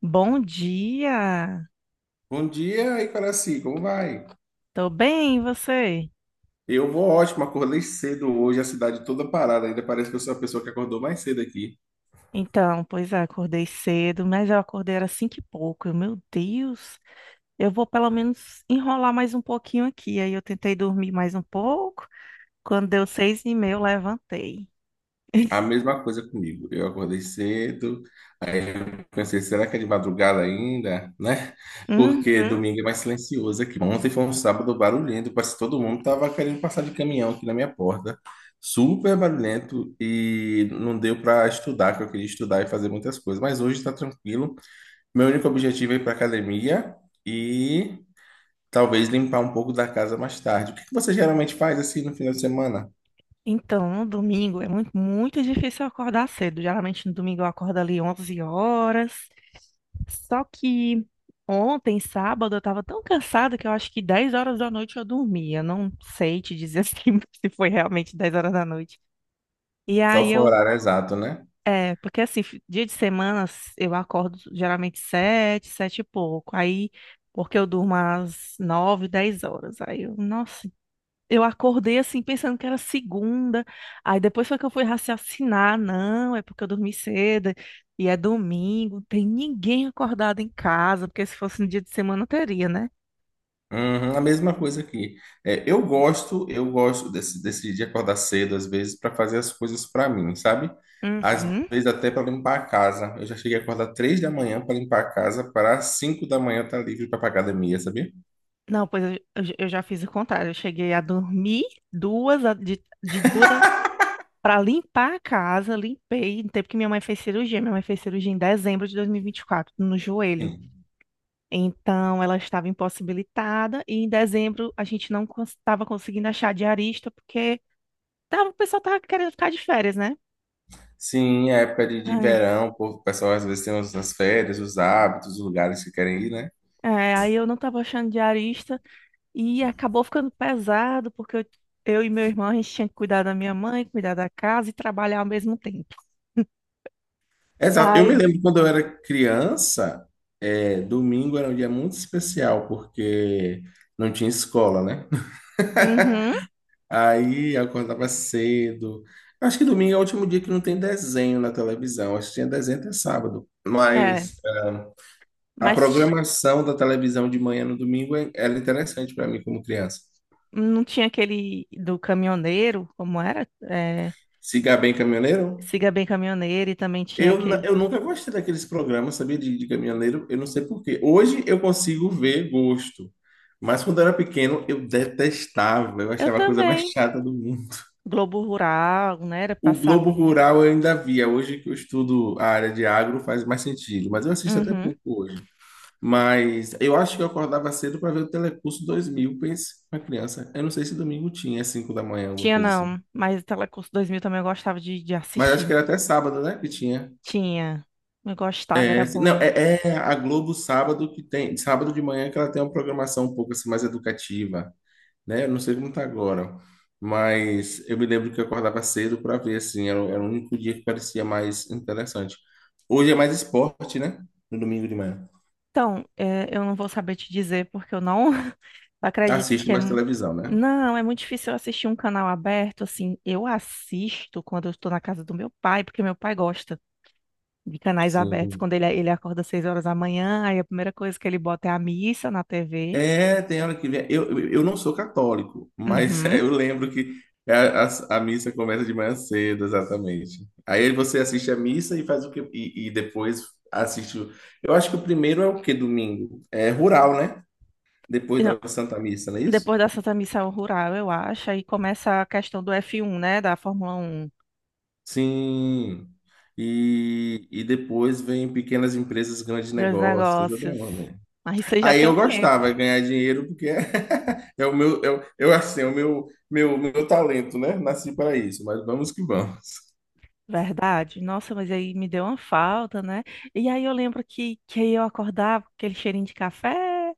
Bom dia! Bom dia, Icaraci, como vai? Tô bem, e você? Eu vou ótimo, acordei cedo hoje, a cidade toda parada, ainda parece que eu sou a pessoa que acordou mais cedo aqui. Então, pois é, acordei cedo, mas eu acordei era cinco e pouco. Eu, meu Deus, eu vou pelo menos enrolar mais um pouquinho aqui. Aí eu tentei dormir mais um pouco. Quando deu 6h30, eu levantei. A mesma coisa comigo. Eu acordei cedo, aí eu pensei, será que é de madrugada ainda, né? Porque Uhum. domingo é mais silencioso aqui. Ontem foi um sábado barulhento, parece que todo mundo tava querendo passar de caminhão aqui na minha porta. Super barulhento e não deu para estudar, que eu queria estudar e fazer muitas coisas. Mas hoje está tranquilo. Meu único objetivo é ir para academia e talvez limpar um pouco da casa mais tarde. O que que você geralmente faz assim no final de semana? Então, no domingo é muito, muito difícil eu acordar cedo. Geralmente no domingo eu acordo ali 11 horas. Só que ontem, sábado, eu tava tão cansada que eu acho que 10 horas da noite eu dormia. Não sei te dizer assim se foi realmente 10 horas da noite. E Qual aí foi o eu. horário exato, né? É, porque assim, dia de semana eu acordo geralmente sete e pouco. Aí, porque eu durmo às 9 10 horas. Aí eu, nossa, eu acordei assim, pensando que era segunda. Aí depois foi que eu fui raciocinar. Não, é porque eu dormi cedo e é domingo. Tem ninguém acordado em casa, porque se fosse no dia de semana teria, né? Uhum, a mesma coisa aqui. É, eu gosto desse de acordar cedo, às vezes, para fazer as coisas para mim, sabe? Às Uhum. vezes até para limpar a casa. Eu já cheguei a acordar 3 da manhã para limpar a casa, para 5 da manhã estar livre para pra academia, sabia? Não, pois eu já fiz o contrário. Eu cheguei a dormir duas, de duas para limpar a casa. Limpei no tempo que minha mãe fez cirurgia. Minha mãe fez cirurgia em dezembro de 2024, no joelho. Sim. Então, ela estava impossibilitada e em dezembro a gente não estava conseguindo achar diarista porque tava, o pessoal estava querendo ficar de férias, né? Sim, é época de Ai, verão, o povo- o pessoal às vezes tem as férias, os hábitos, os lugares que querem ir, né? é, aí eu não estava achando diarista e acabou ficando pesado porque eu e meu irmão a gente tinha que cuidar da minha mãe, cuidar da casa e trabalhar ao mesmo tempo. Exato. Eu Ai, me lembro quando eu era criança, é, domingo era um dia muito especial, porque não tinha escola, né? uhum, Aí eu acordava cedo. Acho que domingo é o último dia que não tem desenho na televisão. Acho que tinha desenho até sábado. é, Mas a mas programação da televisão de manhã no domingo é- era interessante para mim como criança. não tinha aquele do caminhoneiro, como era? É, Siga Bem Caminhoneiro? siga bem caminhoneiro e também tinha Eu, n- aquele. eu nunca gostei daqueles programas, sabia, de caminhoneiro. Eu não sei por quê. Hoje eu consigo ver gosto. Mas quando eu era pequeno, eu detestava. Eu Eu achava a coisa mais também. chata do mundo. Globo Rural, né? Era O passava. Globo Rural eu ainda via. Hoje que eu estudo a área de agro faz mais sentido, mas eu assisto até Uhum. pouco hoje. Mas eu acho que eu acordava cedo para ver o Telecurso 2000, pense, uma criança. Eu não sei se domingo tinha, às 5 da manhã, alguma Tinha coisa assim. não, mas o Telecurso 2000 também eu gostava de Mas acho que assistir. era até sábado, né, que tinha. Tinha. Eu gostava, era É, se- não, bom. é, é a Globo sábado que tem, sábado de manhã que ela tem uma programação um pouco assim mais educativa. Né? Eu não sei como tá agora, mas eu me lembro que eu acordava cedo para ver, assim, era, o- era o único dia que parecia mais interessante. Hoje é mais esporte, né? No domingo de manhã. Então, é, eu não vou saber te dizer porque eu não acredito Assiste que é. mais televisão, né? Não, é muito difícil eu assistir um canal aberto, assim. Eu assisto quando eu estou na casa do meu pai, porque meu pai gosta de canais abertos. Sim. Quando ele acorda às 6 horas da manhã, aí a primeira coisa que ele bota é a missa na TV. É, tem hora que vem. Eu não sou católico, mas é, Uhum. eu lembro que a missa começa de manhã cedo, exatamente. Aí você assiste a missa e faz o que e depois assiste. Eu acho que o primeiro é o que domingo? É rural, né? Depois da Santa Missa, não é isso? Depois da Santa Missão Rural, eu acho, aí começa a questão do F1, né? Da Fórmula 1, Sim. E depois vem pequenas empresas, grandes dos negócios, tem toda negócios. uma ordem. Mas isso aí você já Aí tem eu um tempo, gostava de ganhar dinheiro porque é, é o meu, eu assim, é o meu, meu, meu talento, né? Nasci para isso, mas vamos que vamos. verdade? Nossa, mas aí me deu uma falta, né? E aí eu lembro que aí eu acordava com aquele cheirinho de café,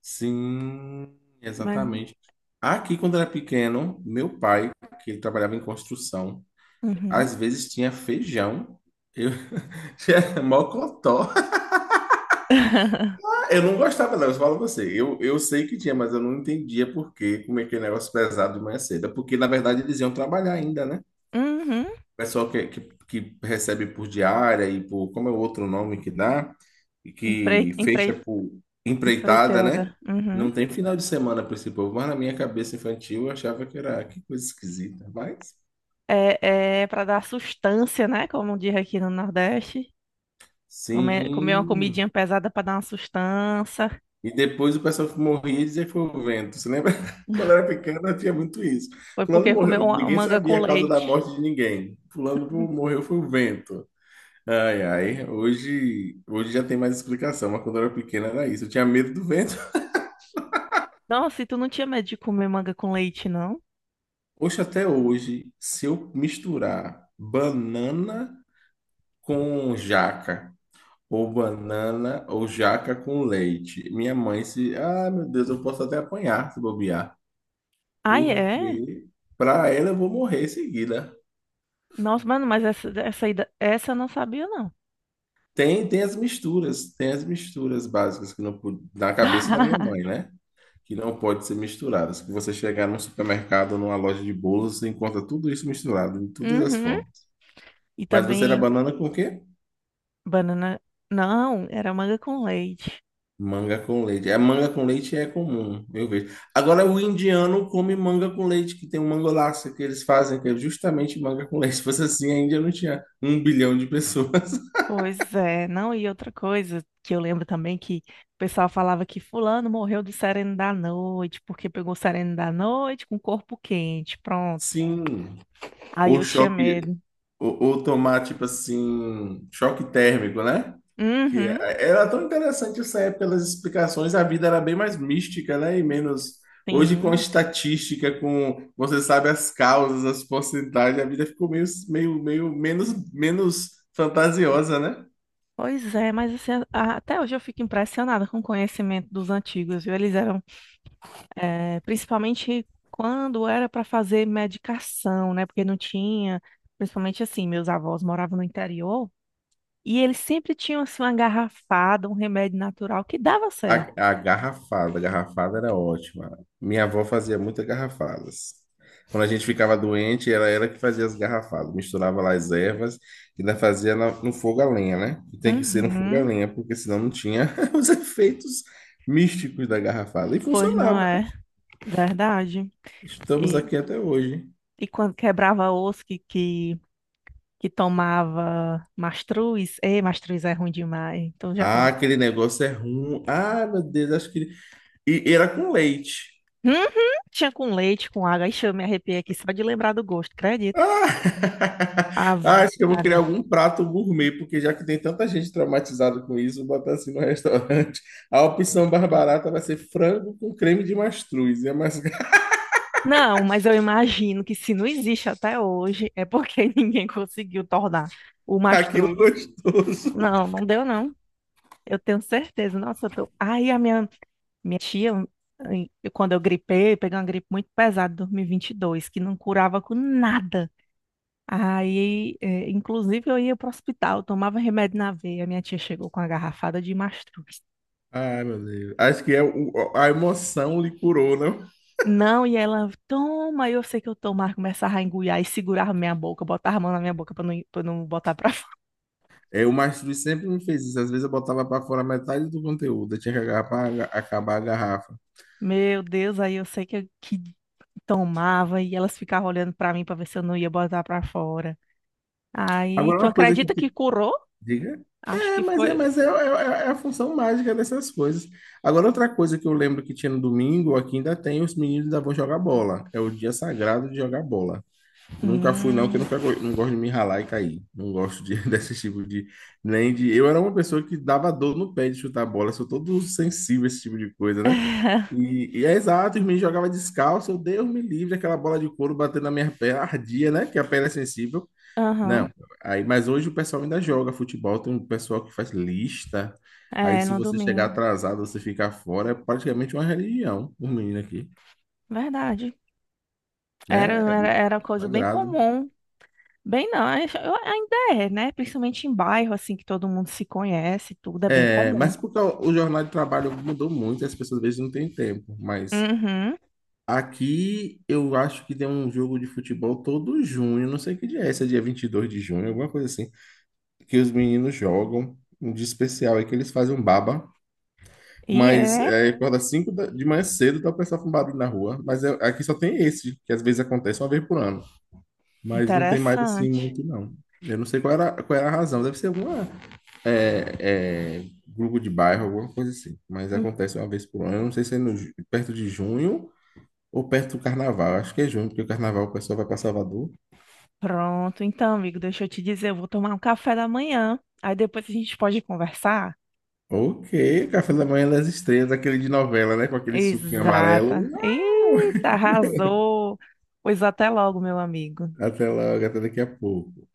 Sim, mas. exatamente. Aqui, quando era pequeno, meu pai, que ele trabalhava em construção, Uhum. às vezes tinha feijão, eu tinha mocotó. Eu não gostava, não, eu falo pra você. Eu sei que tinha, mas eu não entendia por que como é que é negócio pesado de manhã cedo. É porque, na verdade, eles iam trabalhar ainda, né? O Uhum. pessoal que recebe por diária e por, como é o outro nome que dá, e Empre, que fecha empre, por empreitada, Empreitada. né? Uhum. Não tem final de semana para esse povo, mas na minha cabeça infantil eu achava que era, que coisa esquisita. Mas, É para dar sustância, né? Como diz aqui no Nordeste. Comer uma sim, comidinha pesada para dar uma sustância. e depois o pessoal que morria e dizia que foi o vento. Você lembra? Quando eu era pequeno, tinha muito isso. Foi Fulano porque comeu morreu. Ninguém manga com sabia a causa da leite. morte de ninguém. Fulano morreu foi o vento. Ai, ai. Hoje já tem mais explicação, mas quando eu era pequeno era isso. Eu tinha medo do vento. Nossa, e tu não tinha medo de comer manga com leite, não? Hoje, até hoje, se eu misturar banana com jaca, ou banana ou jaca com leite, minha mãe se. Ah, meu Deus, eu posso até apanhar se bobear. Ai, é? Porque para ela eu vou morrer em seguida. Nossa, mano, mas essa eu não sabia, não. Tem as misturas básicas que não pod- na cabeça da minha mãe, né? Que não pode ser misturadas. Que você chegar num supermercado, numa loja de bolos, você encontra tudo isso misturado de todas as Uhum. formas. E Mas você era também banana com o quê? banana. Não, era manga com leite. Manga com leite. A manga com leite é comum, eu vejo. Agora o indiano come manga com leite, que tem um mangolaço que eles fazem, que é justamente manga com leite. Se fosse assim, a Índia não tinha 1 bilhão de pessoas. Pois é, não, e outra coisa que eu lembro também que o pessoal falava que fulano morreu do sereno da noite, porque pegou o sereno da noite com o corpo quente, pronto. Sim. Aí O eu tinha choque, medo. ou tomar, tipo assim, choque térmico, né? Que Uhum, é, era tão interessante essa época pelas explicações, a vida era bem mais mística, né? E menos. Hoje, com a sim. estatística, com você sabe as causas, as porcentagens, a vida ficou meio, meio menos, menos, fantasiosa, né? Pois é, mas assim, até hoje eu fico impressionada com o conhecimento dos antigos, viu? Eles eram, principalmente quando era para fazer medicação, né? Porque não tinha, principalmente assim, meus avós moravam no interior e eles sempre tinham assim uma garrafada, um remédio natural que dava A, certo. a garrafada, a garrafada era ótima. Minha avó fazia muitas garrafadas. Quando a gente ficava doente, ela era que fazia as garrafadas. Misturava lá as ervas e ainda fazia na- no fogo a lenha, né? E tem que ser no fogo a Uhum, lenha, porque senão não tinha os efeitos místicos da garrafada. E pois não funcionava, né? é, verdade. Estamos E, aqui até hoje. e quando quebrava osso que tomava mastruz, ei, mastruz é ruim demais. Então já Ah, aquele negócio é ruim. Ah, meu Deus, acho que. E era com leite. uhum, tinha com leite, com água. Ixi, eu me arrepiei aqui só de lembrar do gosto, Ah, acredito. ah, Ave acho que eu vou criar Maria. algum prato gourmet, porque já que tem tanta gente traumatizada com isso, vou botar assim no restaurante. A opção mais barata vai ser frango com creme de mastruz. É mais Não, mas eu imagino que se não existe até hoje, é porque ninguém conseguiu tornar o aquilo mastruz. gostoso. Não, não deu não. Eu tenho certeza. Nossa, eu tô. Aí a minha tia, quando eu gripei, eu peguei uma gripe muito pesada em 2022, que não curava com nada. Aí, inclusive, eu ia para o hospital, tomava remédio na veia. Minha tia chegou com a garrafada de mastruz. Ai, meu Deus. Acho que é a emoção lhe curou, não? Não, e ela, toma, eu sei que eu tomo, ela começava a engolir e segurava minha boca, botava a mão na minha boca pra não botar pra fora. É, o mastruz sempre me fez isso. Às vezes eu botava para fora metade do conteúdo. Eu tinha que agarrar pra acabar a garrafa. Meu Deus, aí eu sei que tomava e elas ficavam olhando pra mim pra ver se eu não ia botar pra fora. Aí, Agora, tu uma coisa que acredita que te... curou? Diga. Acho É, que mas é, foi. mas é a função mágica dessas coisas. Agora, outra coisa que eu lembro que tinha no domingo, aqui ainda tem, os meninos ainda vão jogar bola. É o dia sagrado de jogar bola. Eu nunca fui, não, porque eu Hum. nunca, go- não gosto de me ralar e cair. Não gosto de, desse tipo de. Nem de. Eu era uma pessoa que dava dor no pé de chutar bola, sou todo sensível a esse tipo de coisa, né? E é exato, os meninos jogavam descalço, eu Deus me livre, aquela bola de couro batendo na minha perna, ardia, né? Que a perna é sensível. Não, Aham. aí, mas hoje o pessoal ainda joga futebol, tem um pessoal que faz lista. Aí É, se no você chegar domingo. atrasado, você ficar fora, é praticamente uma religião, os meninos aqui, Verdade. Era, né? É era, um era uma coisa bem sagrado. comum. Bem, não, ainda é, né? Principalmente em bairro, assim, que todo mundo se conhece, tudo é bem É, comum. mas porque o jornal de trabalho mudou muito, as pessoas às vezes não têm tempo, mas Uhum. aqui eu acho que tem um jogo de futebol todo junho, não sei que dia é esse, é dia 22 de junho, alguma coisa assim, que os meninos jogam, um dia especial aí que eles fazem um baba. E Mas é é, acorda 5 da- de manhã cedo, tá o pessoal com barulho na rua. Mas é- aqui só tem esse, que às vezes acontece uma vez por ano. Mas não tem mais assim interessante. muito, não. Eu não sei qual era a razão. Deve ser alguma grupo de bairro, alguma coisa assim. Mas Hum, acontece uma vez por ano. Eu não sei se é no ju- perto de junho ou perto do carnaval. Acho que é junho, porque o carnaval o pessoal vai para Salvador. Pronto, então, amigo, deixa eu te dizer, eu vou tomar um café da manhã. Aí depois a gente pode conversar. Ok, café da manhã das estrelas, aquele de novela, né? Com aquele suquinho amarelo. Exata. Eita, arrasou. Pois até logo, meu amigo. Até logo, até daqui a pouco.